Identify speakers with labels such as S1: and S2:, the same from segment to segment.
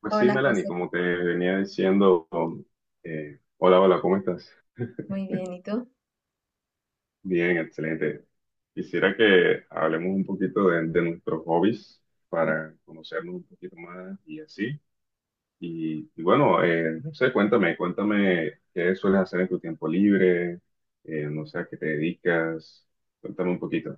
S1: Pues sí,
S2: Hola
S1: Melanie,
S2: José.
S1: como te venía diciendo, hola, hola, ¿cómo estás?
S2: Muy bien, ¿y tú?
S1: Bien, excelente. Quisiera que hablemos un poquito de nuestros hobbies para conocernos un poquito más y así. Y bueno, no sé, cuéntame qué sueles hacer en tu tiempo libre, no sé a qué te dedicas, cuéntame un poquito.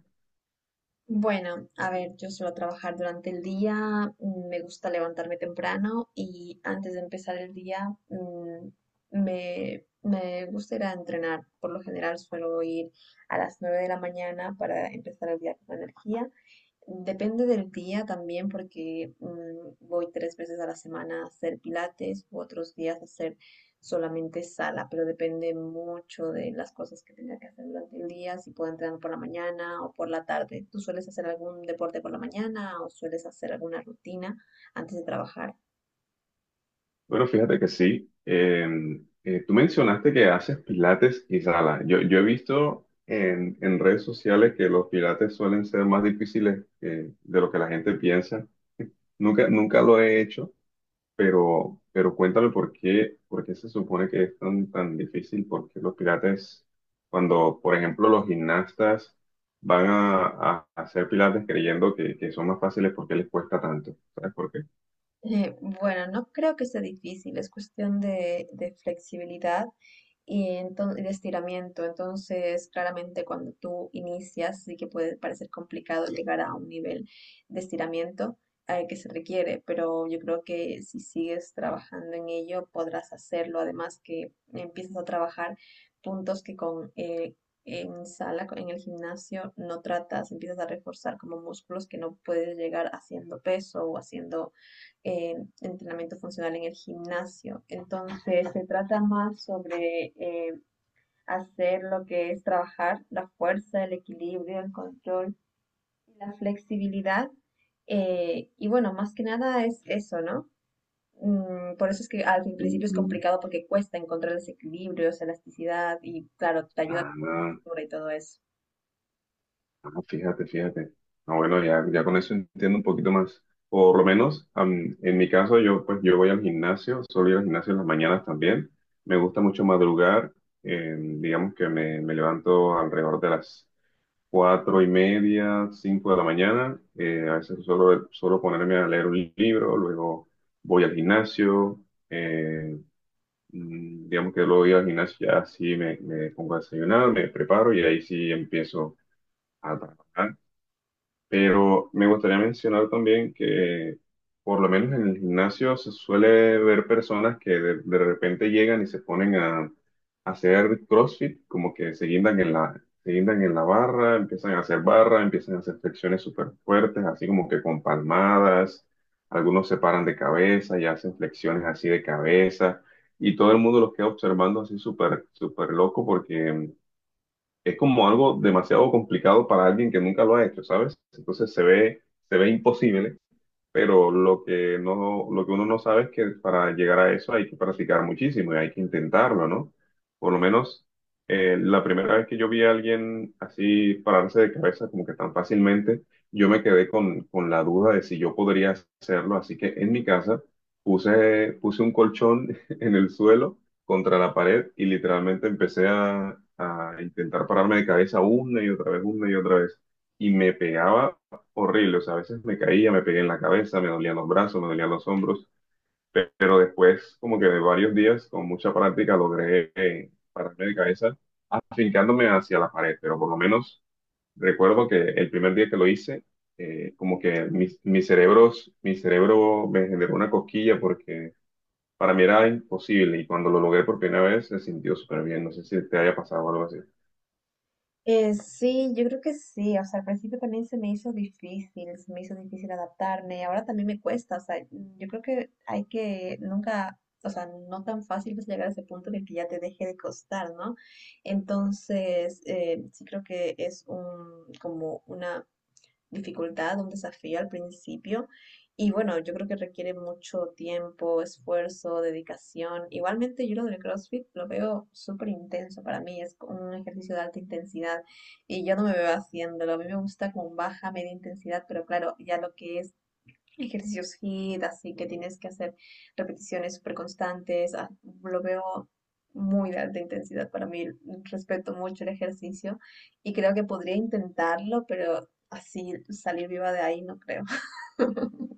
S2: Bueno, a ver, yo suelo trabajar durante el día. Me gusta levantarme temprano y antes de empezar el día, me gusta ir a entrenar. Por lo general suelo ir a las 9 de la mañana para empezar el día con energía. Depende del día también porque, voy 3 veces a la semana a hacer pilates u otros días a hacer solamente sala, pero depende mucho de las cosas que tenga que hacer durante el día, si puedo entrenar por la mañana o por la tarde. ¿Tú sueles hacer algún deporte por la mañana o sueles hacer alguna rutina antes de trabajar?
S1: Bueno, fíjate que sí. Tú mencionaste que haces pilates y sala. Yo he visto en redes sociales que los pilates suelen ser más difíciles de lo que la gente piensa. Nunca lo he hecho, pero cuéntame por qué se supone que es tan difícil, por qué los pilates, cuando, por ejemplo, los gimnastas van a hacer pilates creyendo que son más fáciles. ¿Por qué les cuesta tanto? ¿Sabes por qué?
S2: Bueno, no creo que sea difícil, es cuestión de flexibilidad y, y de estiramiento. Entonces, claramente cuando tú inicias, sí que puede parecer complicado llegar a un nivel de estiramiento que se requiere, pero yo creo que si sigues trabajando en ello, podrás hacerlo. Además que empiezas a trabajar puntos que con... en sala, en el gimnasio, no tratas, empiezas a reforzar como músculos que no puedes llegar haciendo peso o haciendo, entrenamiento funcional en el gimnasio. Entonces se trata más sobre, hacer lo que es trabajar la fuerza, el equilibrio, el control, la flexibilidad. Y bueno, más que nada es eso, ¿no? Mm, por eso es que al principio es
S1: Mm,
S2: complicado porque cuesta encontrar ese equilibrio, esa elasticidad y claro, te ayuda a
S1: ah,
S2: la
S1: no.
S2: postura y todo eso.
S1: Ah, fíjate, fíjate. Ah, bueno, ya, ya con eso entiendo un poquito más. Por lo menos, en mi caso, yo pues yo voy al gimnasio, suelo ir al gimnasio en las mañanas también. Me gusta mucho madrugar. Digamos que me levanto alrededor de las 4:30, 5 de la mañana. A veces suelo ponerme a leer un libro, luego voy al gimnasio. eh, digamos que luego voy al gimnasio, ya sí me pongo a desayunar, me preparo y ahí sí empiezo a trabajar. Pero me gustaría mencionar también que, por lo menos en el gimnasio, se suele ver personas que de repente llegan y se ponen a hacer CrossFit, como que se guindan en la barra, empiezan a hacer barra, empiezan a hacer flexiones súper fuertes, así como que con palmadas, algunos se paran de cabeza y hacen flexiones así de cabeza, y todo el mundo los queda observando así súper, súper loco porque es como algo demasiado complicado para alguien que nunca lo ha hecho, ¿sabes? Entonces se ve imposible, pero lo que uno no sabe es que para llegar a eso hay que practicar muchísimo y hay que intentarlo, ¿no? Por lo menos la primera vez que yo vi a alguien así pararse de cabeza como que tan fácilmente, yo me quedé con la duda de si yo podría hacerlo, así que en mi casa puse un colchón en el suelo contra la pared y literalmente empecé a intentar pararme de cabeza una y otra vez, una y otra vez. Y me pegaba horrible, o sea, a veces me caía, me pegué en la cabeza, me dolían los brazos, me dolían los hombros, pero después, como que de varios días, con mucha práctica, logré pararme de cabeza, afincándome hacia la pared. Pero por lo menos recuerdo que el primer día que lo hice, como que mi cerebro me generó una cosquilla porque para mí era imposible, y cuando lo logré por primera vez se sintió súper bien. No sé si te haya pasado algo así.
S2: Sí, yo creo que sí. O sea, al principio también se me hizo difícil, se me hizo difícil adaptarme. Ahora también me cuesta. O sea, yo creo que hay que nunca, o sea, no tan fácil es llegar a ese punto de que ya te deje de costar, ¿no? Entonces, sí creo que es un, como una dificultad, un desafío al principio. Y bueno, yo creo que requiere mucho tiempo, esfuerzo, dedicación. Igualmente yo lo del CrossFit lo veo súper intenso para mí, es un ejercicio de alta intensidad y yo no me veo haciéndolo. A mí me gusta con baja, media intensidad, pero claro, ya lo que es ejercicios HIIT, así que tienes que hacer repeticiones súper constantes. Lo veo muy de alta intensidad para mí. Respeto mucho el ejercicio y creo que podría intentarlo, pero así salir viva de ahí no creo.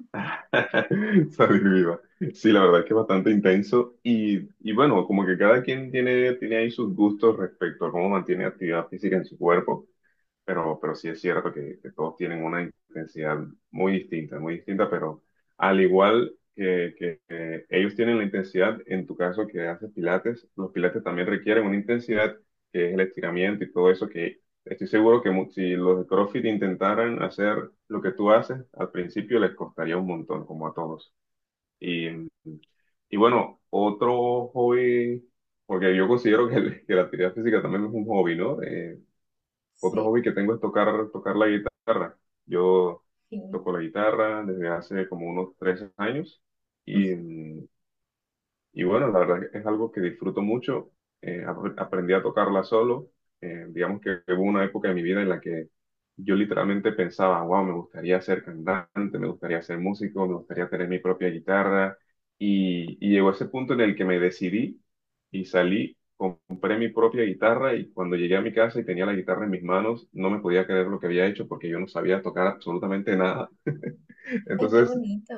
S1: Está viva. Sí, la verdad es que es bastante intenso y, bueno, como que cada quien tiene ahí sus gustos respecto a cómo mantiene actividad física en su cuerpo, pero sí es cierto que todos tienen una intensidad muy distinta, pero al igual que ellos tienen la intensidad, en tu caso que haces pilates, los pilates también requieren una intensidad que es el estiramiento y todo eso. Estoy seguro que si los de CrossFit intentaran hacer lo que tú haces, al principio les costaría un montón, como a todos. Y, y bueno, otro hobby, porque yo considero que la actividad física también es un hobby, ¿no? Otro
S2: Sí,
S1: hobby que tengo es tocar la guitarra. Yo
S2: sí.
S1: toco la guitarra desde hace como unos 3 años y, bueno, la verdad que es algo que disfruto mucho. Aprendí a tocarla solo. Digamos que hubo una época de mi vida en la que yo literalmente pensaba: wow, me gustaría ser cantante, me gustaría ser músico, me gustaría tener mi propia guitarra. Y llegó ese punto en el que me decidí y salí, compré mi propia guitarra, y cuando llegué a mi casa y tenía la guitarra en mis manos, no me podía creer lo que había hecho porque yo no sabía tocar absolutamente nada.
S2: Ay, qué
S1: Entonces,
S2: bonito.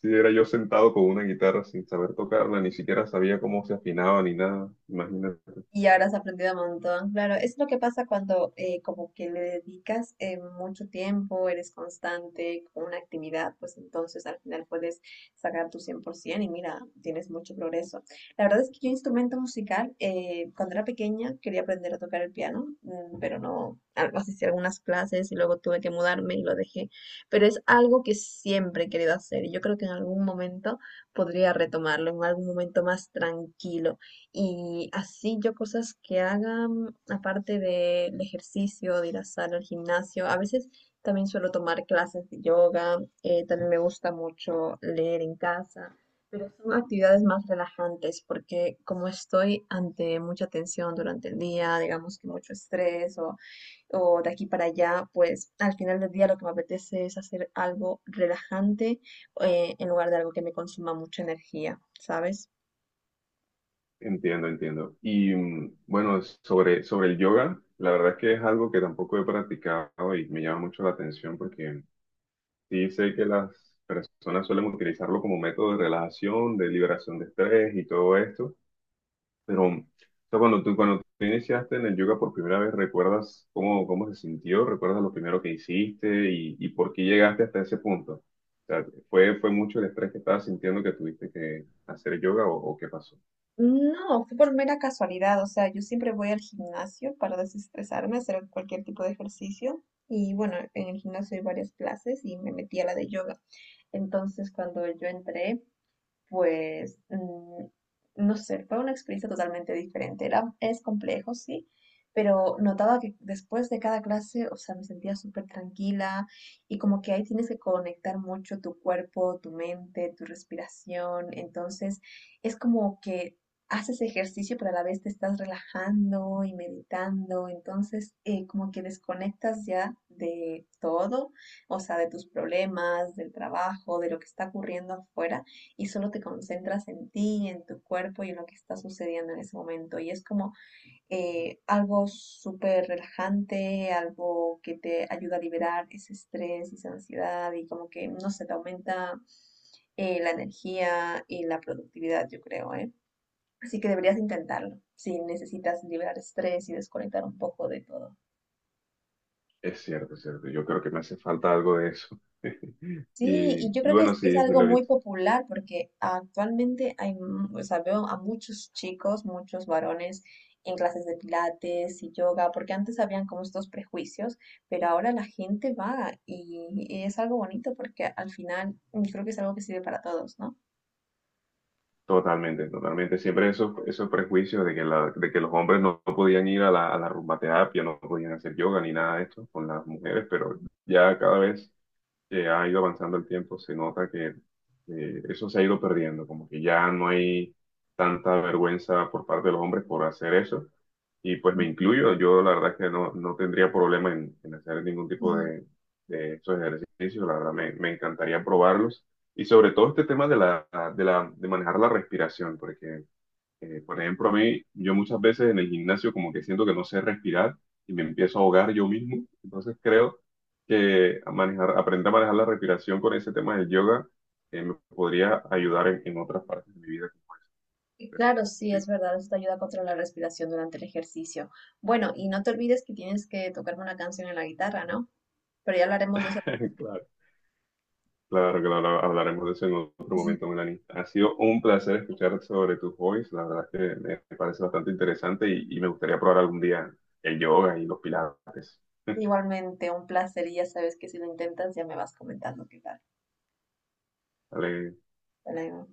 S1: Sí, era yo sentado con una guitarra sin saber tocarla, ni siquiera sabía cómo se afinaba ni nada. Imagínate.
S2: Y ahora has aprendido un montón. Claro, es lo que pasa cuando, como que le dedicas, mucho tiempo, eres constante con una actividad, pues entonces al final puedes sacar tu 100% y mira, tienes mucho progreso. La verdad es que yo instrumento musical, cuando era pequeña quería aprender a tocar el piano, mm, pero no, algo así, hice algunas clases y luego tuve que mudarme y lo dejé. Pero es algo que siempre he querido hacer y yo creo que en algún momento podría retomarlo, en algún momento más tranquilo. Y así yo cosas que hagan, aparte del ejercicio, de ir a sala, al gimnasio, a veces también suelo tomar clases de yoga, también me gusta mucho leer en casa, pero son actividades más relajantes porque como estoy ante mucha tensión durante el día, digamos que mucho estrés o de aquí para allá, pues al final del día lo que me apetece es hacer algo relajante, en lugar de algo que me consuma mucha energía, ¿sabes?
S1: Entiendo, entiendo. Y bueno, sobre el yoga, la verdad es que es algo que tampoco he practicado y me llama mucho la atención porque sí sé que las personas suelen utilizarlo como método de relajación, de liberación de estrés y todo esto. Pero, o sea, cuando tú iniciaste en el yoga por primera vez, ¿recuerdas cómo se sintió? ¿Recuerdas lo primero que hiciste y, por qué llegaste hasta ese punto? O sea, ¿fue mucho el estrés que estabas sintiendo, que tuviste que hacer yoga, o qué pasó?
S2: No, fue por mera casualidad, o sea, yo siempre voy al gimnasio para desestresarme, hacer cualquier tipo de ejercicio y bueno, en el gimnasio hay varias clases y me metí a la de yoga. Entonces, cuando yo entré, pues, mm, no sé, fue una experiencia totalmente diferente. Era, es complejo, sí, pero notaba que después de cada clase, o sea, me sentía súper tranquila y como que ahí tienes que conectar mucho tu cuerpo, tu mente, tu respiración. Entonces, es como que haces ejercicio, pero a la vez te estás relajando y meditando. Entonces, como que desconectas ya de todo, o sea, de tus problemas, del trabajo, de lo que está ocurriendo afuera y solo te concentras en ti, en tu cuerpo y en lo que está sucediendo en ese momento. Y es como, algo súper relajante, algo que te ayuda a liberar ese estrés y esa ansiedad y como que, no sé, te aumenta, la energía y la productividad, yo creo, ¿eh? Así que deberías intentarlo si necesitas liberar estrés y desconectar un poco de todo.
S1: Es cierto, es cierto. Yo creo que me hace falta algo de eso.
S2: Sí, y yo
S1: Y
S2: creo que
S1: bueno,
S2: es
S1: sí, sí
S2: algo
S1: lo he
S2: muy
S1: visto.
S2: popular porque actualmente hay, o sea, veo a muchos chicos, muchos varones en clases de pilates y yoga, porque antes habían como estos prejuicios, pero ahora la gente va y es algo bonito porque al final, mm, creo que es algo que sirve para todos, ¿no?
S1: Totalmente, totalmente. Siempre esos, esos prejuicios de que los hombres no podían ir a la rumba terapia, no podían hacer yoga ni nada de esto con las mujeres. Pero ya cada vez que ha ido avanzando el tiempo, se nota que eso se ha ido perdiendo, como que ya no hay tanta vergüenza por parte de los hombres por hacer eso. Y pues me
S2: Ujú.
S1: incluyo, yo la verdad que no tendría problema en hacer ningún tipo
S2: Ujú.
S1: de esos ejercicios. La verdad me, encantaría probarlos. Y sobre todo este tema de manejar la respiración, porque por ejemplo, a mí, yo muchas veces en el gimnasio como que siento que no sé respirar y me empiezo a ahogar yo mismo. Entonces creo que aprender a manejar la respiración con ese tema del yoga me podría ayudar en otras partes de mi vida.
S2: Y
S1: Pero
S2: claro, sí,
S1: sí,
S2: es verdad, esto te ayuda a controlar la respiración durante el ejercicio. Bueno, y no te olvides que tienes que tocarme una canción en la guitarra, ¿no? Pero ya hablaremos de eso.
S1: claro, claro que lo hablaremos de eso en otro momento, Melanie. Ha sido un placer escuchar sobre tus hobbies. La verdad es que me parece bastante interesante y, me gustaría probar algún día el yoga y los pilates.
S2: Igualmente, un placer y ya sabes que si lo intentas ya me vas comentando qué tal.
S1: Dale,
S2: Hasta luego.